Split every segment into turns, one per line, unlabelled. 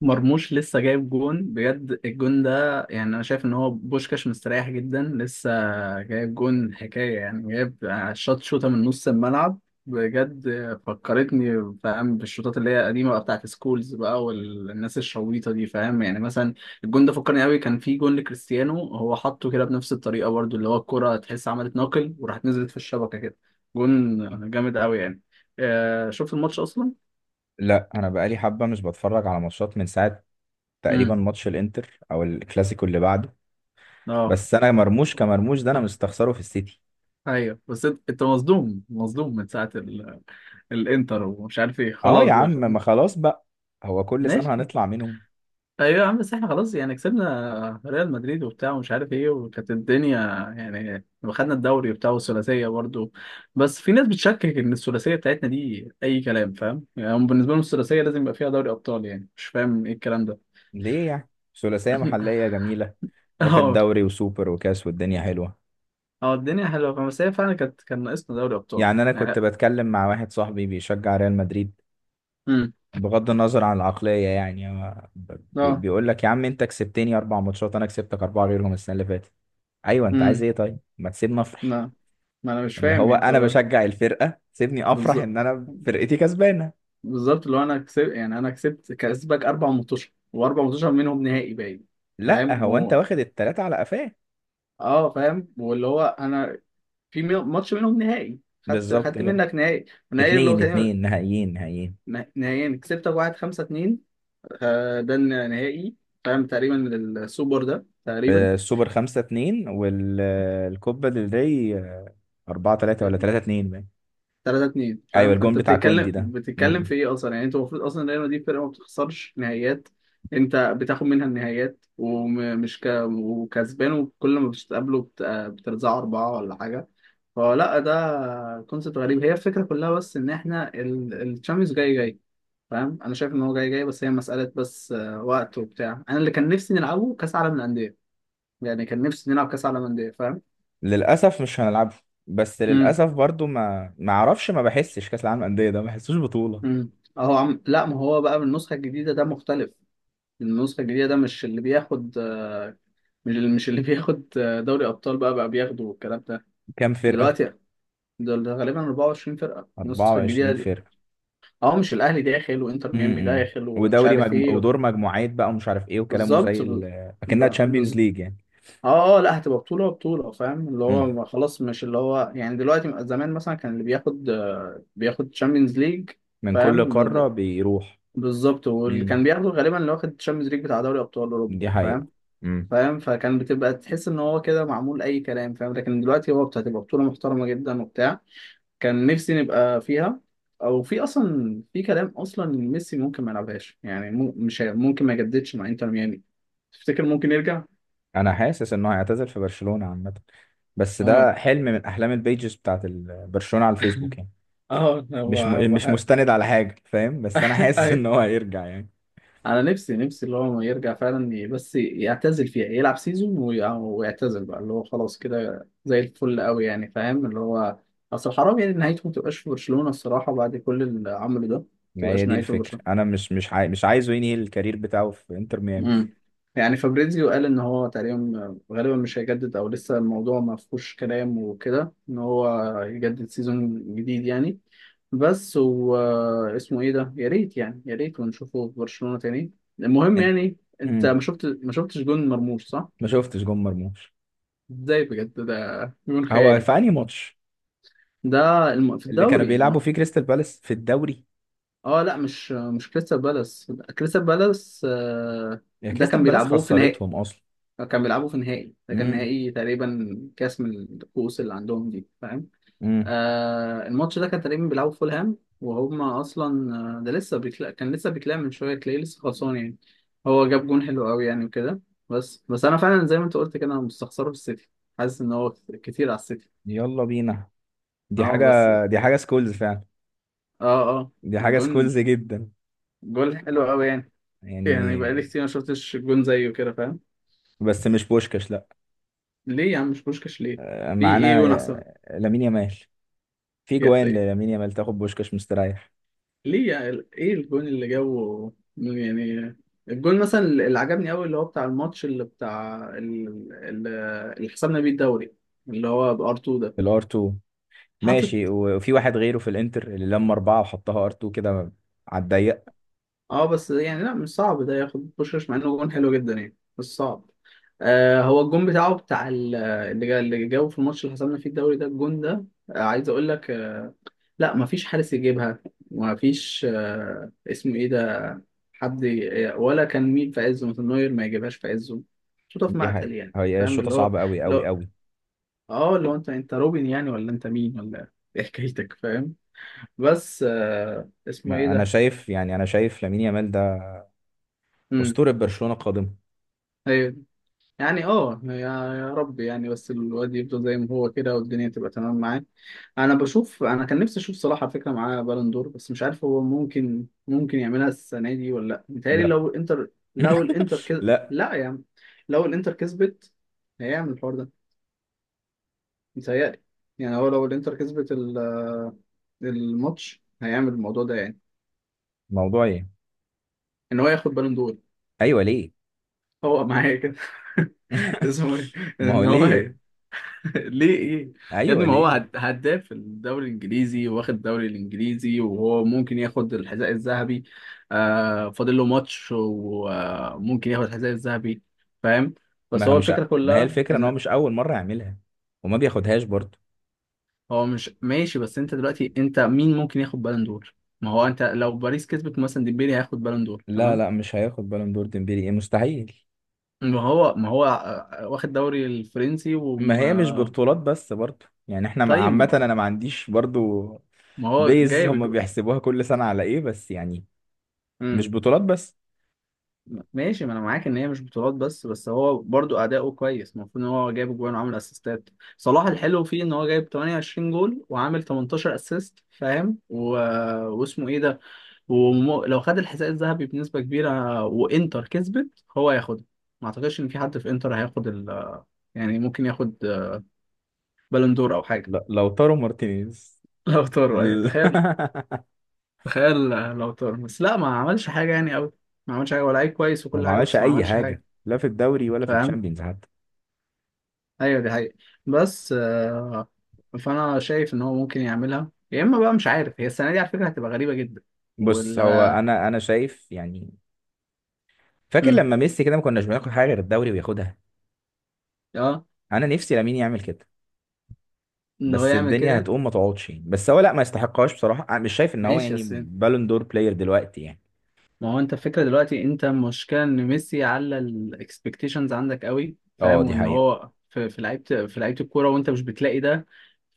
مرموش لسه جايب جون بجد. الجون ده يعني انا شايف ان هو بوشكاش مستريح جدا. لسه جايب جون حكايه، يعني جايب شوت، شوطه من نص الملعب بجد. فكرتني، فاهم، بالشوطات اللي هي قديمه بقى، بتاعت سكولز بقى والناس الشويطه دي، فاهم يعني. مثلا الجون ده فكرني قوي، كان في جون لكريستيانو هو حطه كده بنفس الطريقه برضو، اللي هو الكره تحس عملت ناقل وراحت نزلت في الشبكه كده. جون جامد قوي يعني. آه، شفت الماتش اصلا.
لا، انا بقالي حبه مش بتفرج على ماتشات من ساعه، تقريبا
امم
ماتش الانتر او الكلاسيكو اللي بعده.
اه.
بس انا مرموش كمرموش ده، انا مستخسره في السيتي.
ايوه بس انت مصدوم، مصدوم من ساعه الانتر ومش عارف ايه
اه يا
خلاص.
عم، ما خلاص بقى، هو كل
ماشي.
سنه هنطلع منهم.
ايوه يا عم، بس احنا خلاص يعني كسبنا ريال مدريد وبتاع ومش عارف ايه، وكانت الدنيا يعني. واخدنا الدوري وبتاع والثلاثيه برضه. بس في ناس بتشكك ان الثلاثيه بتاعتنا دي اي كلام، فاهم يعني؟ هم بالنسبه لهم الثلاثيه لازم يبقى فيها دوري ابطال، يعني مش فاهم ايه الكلام ده.
ليه يعني؟ ثلاثيه محليه جميله، واخد
اه.
دوري وسوبر وكاس والدنيا حلوه.
اه، الدنيا حلوه، فاهم؟ بس هي فعلا كانت، كان ناقصنا دوري ابطال
يعني انا
يعني.
كنت بتكلم مع واحد صاحبي بيشجع ريال مدريد،
امم
بغض النظر عن العقليه يعني، هو
اه.
بيقول لك: يا عم، انت كسبتني اربع ماتشات، انا كسبتك اربعه غيرهم السنه اللي فاتت. ايوه، انت عايز
امم
ايه؟ طيب ما تسيبنا نفرح.
لا، ما انا مش
اللي
فاهم
هو
يعني.
انا
طب
بشجع الفرقه، سيبني افرح
بالظبط،
ان انا فرقتي كسبانه.
بالظبط اللي هو انا كسبت يعني، انا كسبت، كسبك اربع ماتشات، واربع ماتشات منهم نهائي باين.
لا،
فاهم
هو انت واخد التلاته على قفاه.
اه، فاهم. واللي هو انا في ماتش منهم نهائي، خدت،
بالظبط
خدت
كده.
منك نهائي. النهائي اللي هو
اتنين
كان،
اتنين، نهائيين نهائيين.
نهائيين كسبتك واحد خمسة اتنين. آه، ده النهائي فاهم، تقريبا للسوبر ده تقريبا.
آه، السوبر 5-2، والكوبا ديل ري 4-3، ولا 3-2 باين.
3 2
أيوة،
فاهم.
الجون
فانت
بتاع
بتتكلم
كوندي ده.
بتتكلم
م-م.
في ايه اصلا يعني؟ انت المفروض اصلا ريال مدريد فرقه ما بتخسرش نهائيات. انت بتاخد منها النهائيات ومش وكسبان، وكل ما بتقابله بترزعه اربعه ولا حاجه. فلا، ده كونسيبت غريب، هي الفكره كلها. بس ان احنا الشامبيونز جاي فاهم، انا شايف ان هو جاي بس هي مساله بس آه، وقت وبتاع. انا اللي كان نفسي نلعبه كاس عالم للانديه، يعني كان نفسي نلعب كاس عالم للانديه، فاهم.
للأسف مش هنلعبه، بس
امم
للأسف برضو ما أعرفش، ما بحسش كأس العالم للأندية ده، ما بحسوش بطولة.
امم اهو عم، لا، ما هو بقى بالنسخه الجديده ده مختلف. النسخة الجديدة ده مش اللي بياخد آه، مش اللي، مش اللي بياخد آه، دوري أبطال بقى بياخدوا الكلام ده
كام فرقة؟
دلوقتي. دول غالبا 24 فرقة، النسخة الجديدة
24
دي.
فرقة.
اه، مش الأهلي داخل وإنتر ميامي
امم
داخل ومش عارف إيه؟
ودور مجموعات بقى، ومش عارف ايه، وكلامه زي
بالظبط
ال...
ب...
اكنها تشامبيونز
بز...
ليج يعني.
اه، اه، لا، هتبقى بطولة، بطولة فاهم. اللي هو
امم.
ما خلاص، مش اللي هو يعني دلوقتي. زمان مثلا كان اللي بياخد آه، بياخد تشامبيونز ليج
من كل
فاهم
قارة بيروح.
بالظبط. واللي كان
امم.
بياخده غالبا اللي واخد تشامبيونز ليج بتاع دوري أبطال أوروبا،
دي حقيقة.
فاهم؟
امم.
فاهم. فكان بتبقى تحس ان هو كده معمول اي كلام، فاهم. لكن دلوقتي هو بتبقى بطولة محترمة جدا وبتاع، كان نفسي نبقى فيها. او في اصلا في كلام اصلا ان ميسي ممكن ما يلعبهاش يعني، مو- مش هي- ممكن ما يجددش مع انتر ميامي. تفتكر ممكن يرجع؟
انا حاسس انه هيعتزل في برشلونة عامة، بس
اه.
ده حلم من احلام البيجز بتاعت برشلونة على الفيسبوك يعني.
اه هو
مش مستند على حاجة، فاهم؟ بس انا حاسس ان هو هيرجع يعني.
انا نفسي، نفسي اللي هو يرجع فعلا بس يعتزل فيها، يلعب سيزون ويعتزل بقى، اللي هو خلاص كده زي الفل قوي يعني، فاهم. اللي هو اصل حرام يعني نهايته ما تبقاش في برشلونة الصراحة، بعد كل اللي عمله ده. ما
ما هي
تبقاش
دي
نهايته في
الفكرة،
برشلونة.
انا مش عايزه ينهي الكارير بتاعه في انتر ميامي.
امم يعني فابريزيو قال ان هو تقريبا غالبا مش هيجدد، او لسه الموضوع ما فيهوش كلام وكده ان هو يجدد سيزون جديد يعني. بس و اسمه ايه ده، يا ريت يعني، يا ريت ونشوفه في برشلونة تاني. المهم
أنت-
يعني انت
امم.
ما شفت، ما شفتش جون مرموش صح؟
ما شفتش جون مرموش.
ازاي بجد، ده جون
هو
خيالي.
في انهي ماتش؟
ده في
اللي كانوا
الدوري
بيلعبوا
ما.
فيه كريستال بالاس في الدوري.
اه لا، مش كريستال بالاس. كريستال بالاس آه،
يا
ده كان
كريستال بالاس،
بيلعبوه في نهائي.
خسرتهم اصلا.
كان بيلعبوا في نهائي، ده كان
امم.
نهائي تقريبا كاس من الكؤوس اللي عندهم دي، فاهم.
امم.
آه الماتش ده كان تقريبا بيلعبوا في فولهام وهم اصلا آه، ده لسه بيكلا، كان لسه بيكلام من شويه تلاقيه لسه خلصان يعني. هو جاب جون حلو قوي يعني وكده. بس انا فعلا زي ما انت قلت كده، انا مستخسره في السيتي. حاسس ان هو كتير على السيتي.
يلا بينا. دي
اه
حاجه،
بس.
دي حاجه سكولز فعلا،
اه اه.
دي حاجه سكولز
الجون،
جدا
جول حلو قوي يعني. يعني بقالي
يعني.
كتير ما شفتش جون زيه كده، فاهم.
بس مش بوشكاش لا.
ليه يا عم مش بوشكاش؟ ليه؟
آه،
في ايه
معانا
جون؟
لامين يامال. في جوان
احسن.
للامين يامال تاخد بوشكاش مستريح.
ليه يعني؟ ايه الجون اللي جابه يعني؟ الجون مثلا اللي عجبني قوي اللي هو بتاع الماتش اللي بتاع اللي حسبنا بيه الدوري، اللي هو بار 2 ده.
في الار 2،
حاطط.
ماشي، و- وفي واحد غيره في الانتر اللي لما اربعه وحطها ار 2 كده، على الضيق.
اه بس يعني لا، مش صعب ده ياخد بوشش مع انه جون حلو جدا يعني، بس صعب. آه هو الجون بتاعه بتاع اللي اللي جابه في الماتش اللي حسبنا فيه الدوري، ده الجون ده آه، عايز اقول لك آه لا، مفيش حارس يجيبها. مفيش آه اسمه ايه، حد ولا كان مين في عزه؟ مثلا نوير ما يجيبهاش في عزه. شوطه في
دي
مقتل
حقيقة،
يعني،
هي
فاهم
الشوطه
اللي هو،
صعبه قوي
اللي
قوي
هو،
قوي.
اه، اللي هو انت انت روبن يعني؟ ولا انت مين، ولا ايه حكايتك، فاهم. بس آه اسمه ايه
أنا
ده.
شايف يعني، انا شايف لامين يامال ده
امم
اسطوره برشلونه قادمه.
يعني اه، يا يا رب يعني. بس الواد يفضل زي ما هو كده والدنيا تبقى تمام معاه. انا بشوف، انا كان نفسي اشوف صلاح على فكره معاه بالون دور، بس مش عارف هو ممكن، ممكن يعملها السنه دي ولا لا؟ متهيألي
لا.
لو الانتر، لو الانتر
لا.
لا يا عم. لو الانتر كسبت هيعمل الحوار ده متهيألي. يعني هو لو الانتر كسبت الماتش هيعمل الموضوع ده يعني.
موضوع ايه؟
ان هو ياخد بالون دور.
ايوه ليه؟
هو معايا كده. اسمه ايه؟
ما هو
ان هو.
ليه.
ليه ايه؟ يا ابني
ايوه
ما هو
ليه؟
هداف في الدوري الانجليزي، واخد الدوري الانجليزي، وهو ممكن ياخد الحذاء الذهبي. آه، فاضل له ماتش وممكن ياخد الحذاء الذهبي، فاهم. بس هو الفكره
ما هي
كلها
الفكره ان هو
ان
مش اول مره يعملها، وما بياخدهاش برضه.
هو مش ماشي. بس انت دلوقتي انت مين ممكن ياخد بالون دور؟ ما هو انت لو باريس كسبت مثلا ديمبلي هياخد بالون دور
لا
تمام.
لا، مش هياخد بالون دور ديمبلي، ايه مستحيل.
ما هو آه، واخد دوري الفرنسي
ما هي مش
وما.
ببطولات بس برضه يعني، احنا عامه
طيب
انا ما عنديش برضه.
ما هو
بيز
جايب
هم بيحسبوها كل سنه على ايه بس يعني، مش بطولات بس.
ماشي، ما انا معاك ان هي مش بطولات بس. بس هو برضو اداؤه كويس، المفروض ان هو جايب جوان وعامل اسيستات. صلاح الحلو فيه ان هو جايب 28 جول وعامل 18 اسيست، فاهم واسمه ايه ده، ولو خد الحذاء الذهبي بنسبة كبيرة وانتر كسبت هو هياخدها. ما اعتقدش ان في حد في انتر هياخد يعني ممكن ياخد بالون دور او حاجة.
لا، لو تارو مارتينيز
لو طار ايوه،
ال-
تخيل. تخيل. لو طار، بس لا ما عملش حاجة يعني قوي. ما عملش حاجة، ولا لعيب كويس
هو
وكل
ما
حاجة،
عملش
بس ما
اي
عملش حاجة.
حاجه لا في الدوري ولا في
فاهم.
الشامبيونز.
ايوه دي حقيقة. بس آه، فانا شايف ان هو ممكن يعملها. يا اما بقى مش عارف، هي السنه دي على فكره هتبقى غريبه جدا.
بص،
وال
هو انا شايف يعني، فاكر
امم
لما ميسي كده ما كناش بناخد حاجه غير الدوري وياخدها.
اه،
انا نفسي لامين يعمل كده،
ان هو
بس
يعمل
الدنيا
كده.
هتقوم ما تقعدش يعني. بس هو لا، ما يستحقهاش بصراحه. أنا مش شايف ان هو
ماشي
يعني
بس
بالون دور بلاير دلوقتي يعني.
ما هو انت الفكره دلوقتي، انت المشكله ان ميسي على الاكسبكتيشنز عندك قوي،
اه
فاهم.
دي
وان
حقيقه،
هو في، في لعيبه، في لعيبه الكوره وانت مش بتلاقي ده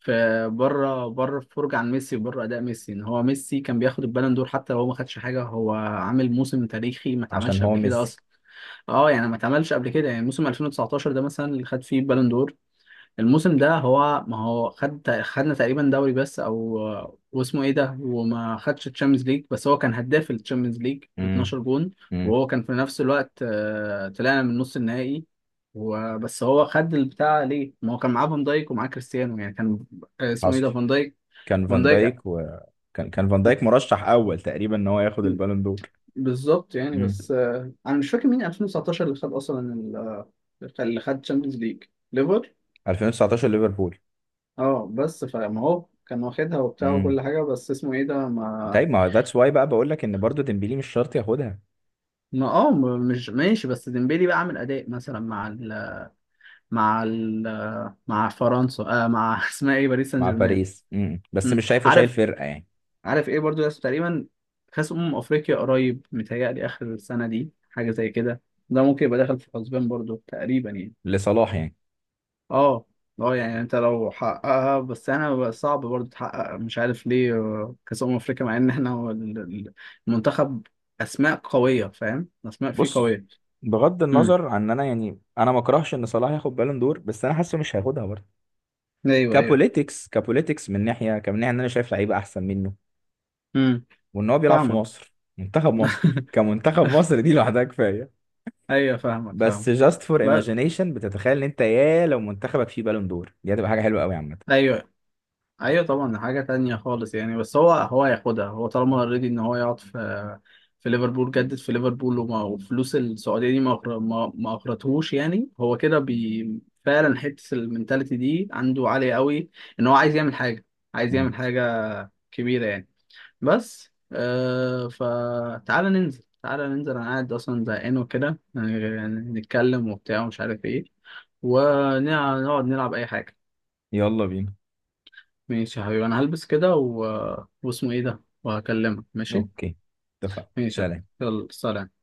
في بره، بره الفرجه عن ميسي وبره اداء ميسي، ان هو ميسي كان بياخد البالون دور حتى لو هو ما خدش حاجه. هو عامل موسم تاريخي ما
عشان
اتعملش
هو
قبل كده
ميسي.
اصلا. اه يعني ما اتعملش قبل كده. يعني موسم 2019 ده مثلا اللي خد فيه بالون دور، الموسم ده هو ما هو خد، خدنا تقريبا دوري بس او، واسمه ايه ده، وما خدش الشامبيونز ليج. بس هو كان هداف الشامبيونز ليج ب
امم.
12 جون،
امم.
وهو كان في نفس الوقت آه، طلعنا من نص النهائي. وبس هو خد البتاع ليه؟ ما هو كان معاه فان دايك، ومعاه كريستيانو يعني كان آه، اسمه ايه
حصل.
ده، فان دايك،
كان
فان
فان
دايك.
دايك و... كان فان دايك مرشح اول تقريبا ان هو ياخد البالون دور.
بالظبط يعني.
امم.
بس آه، انا مش فاكر مين 2019 اللي خد اصلا آه، اللي خد الشامبيونز ليج. ليفر.
2019 ليفربول.
اه بس فما هو كان واخدها وبتاع وكل
امم.
حاجة، بس اسمه ايه ده، ما،
طيب، ما ذاتس واي بقى بقول لك ان برضو ديمبلي مش شرط ياخدها.
ما، اه، مش ماشي. بس ديمبلي بقى عامل اداء مثلا مع مع فرنسا آه، مع اسمها ايه، باريس سان
مع
جيرمان.
باريس. امم. بس
مم.
مش شايفه شايل
عارف.
فرقه يعني.
عارف ايه برضو، يس تقريبا كاس افريقيا قريب متهيألي اخر السنة دي، حاجة زي كده. ده ممكن يبقى داخل في الحسبان برضو تقريبا يعني.
لصلاح يعني.
اه. اه، يعني انت لو حققها. بس انا بقى صعب برضه تحقق، مش عارف ليه، آه، كاس افريقيا مع ان احنا هو المنتخب اسماء قويه، فاهم، اسماء فيه
بص،
قويه.
بغض
امم
النظر عن ان انا يعني انا ما اكرهش ان صلاح ياخد بالون دور، بس انا حاسه مش هياخدها برضه.
ايوه ايوه.
كبوليتكس كبوليتكس من ناحيه، كمن ناحيه ان انا شايف لعيبه احسن منه،
امم
وان هو بيلعب في
فاهمك.
مصر، منتخب مصر كمنتخب مصر دي لوحدها كفايه.
ايوه فاهمك،
بس
فاهمك.
جاست فور
بس.
ايماجينيشن بتتخيل ان انت يا لو منتخبك فيه بالون دور، دي هتبقى حاجه حلوه قوي عامه.
ايوه. ايوه طبعا ده حاجه تانية خالص يعني. بس هو هياخدها. هو طالما اوريدي ان هو يقعد في، في ليفربول جدد في ليفربول، وفلوس السعوديه دي ما اقرتهوش يعني، هو كده بي. فعلا حته المنتاليتي دي عنده عاليه قوي. ان هو عايز يعمل حاجه، عايز
مم.
يعمل حاجه كبيره يعني. بس آه، فتعالى ننزل، تعالى ننزل. انا قاعد اصلا زهقان وكده، يعني نتكلم وبتاع ومش عارف ايه، ونقعد نلعب اي حاجه.
يلا بينا.
ماشي يا حبيبي، انا هلبس كده واسمه ايه ده، وهكلمك ماشي.
اوكي، اتفقنا،
ماشي يا حبيبي.
سلام.
يلا سلام.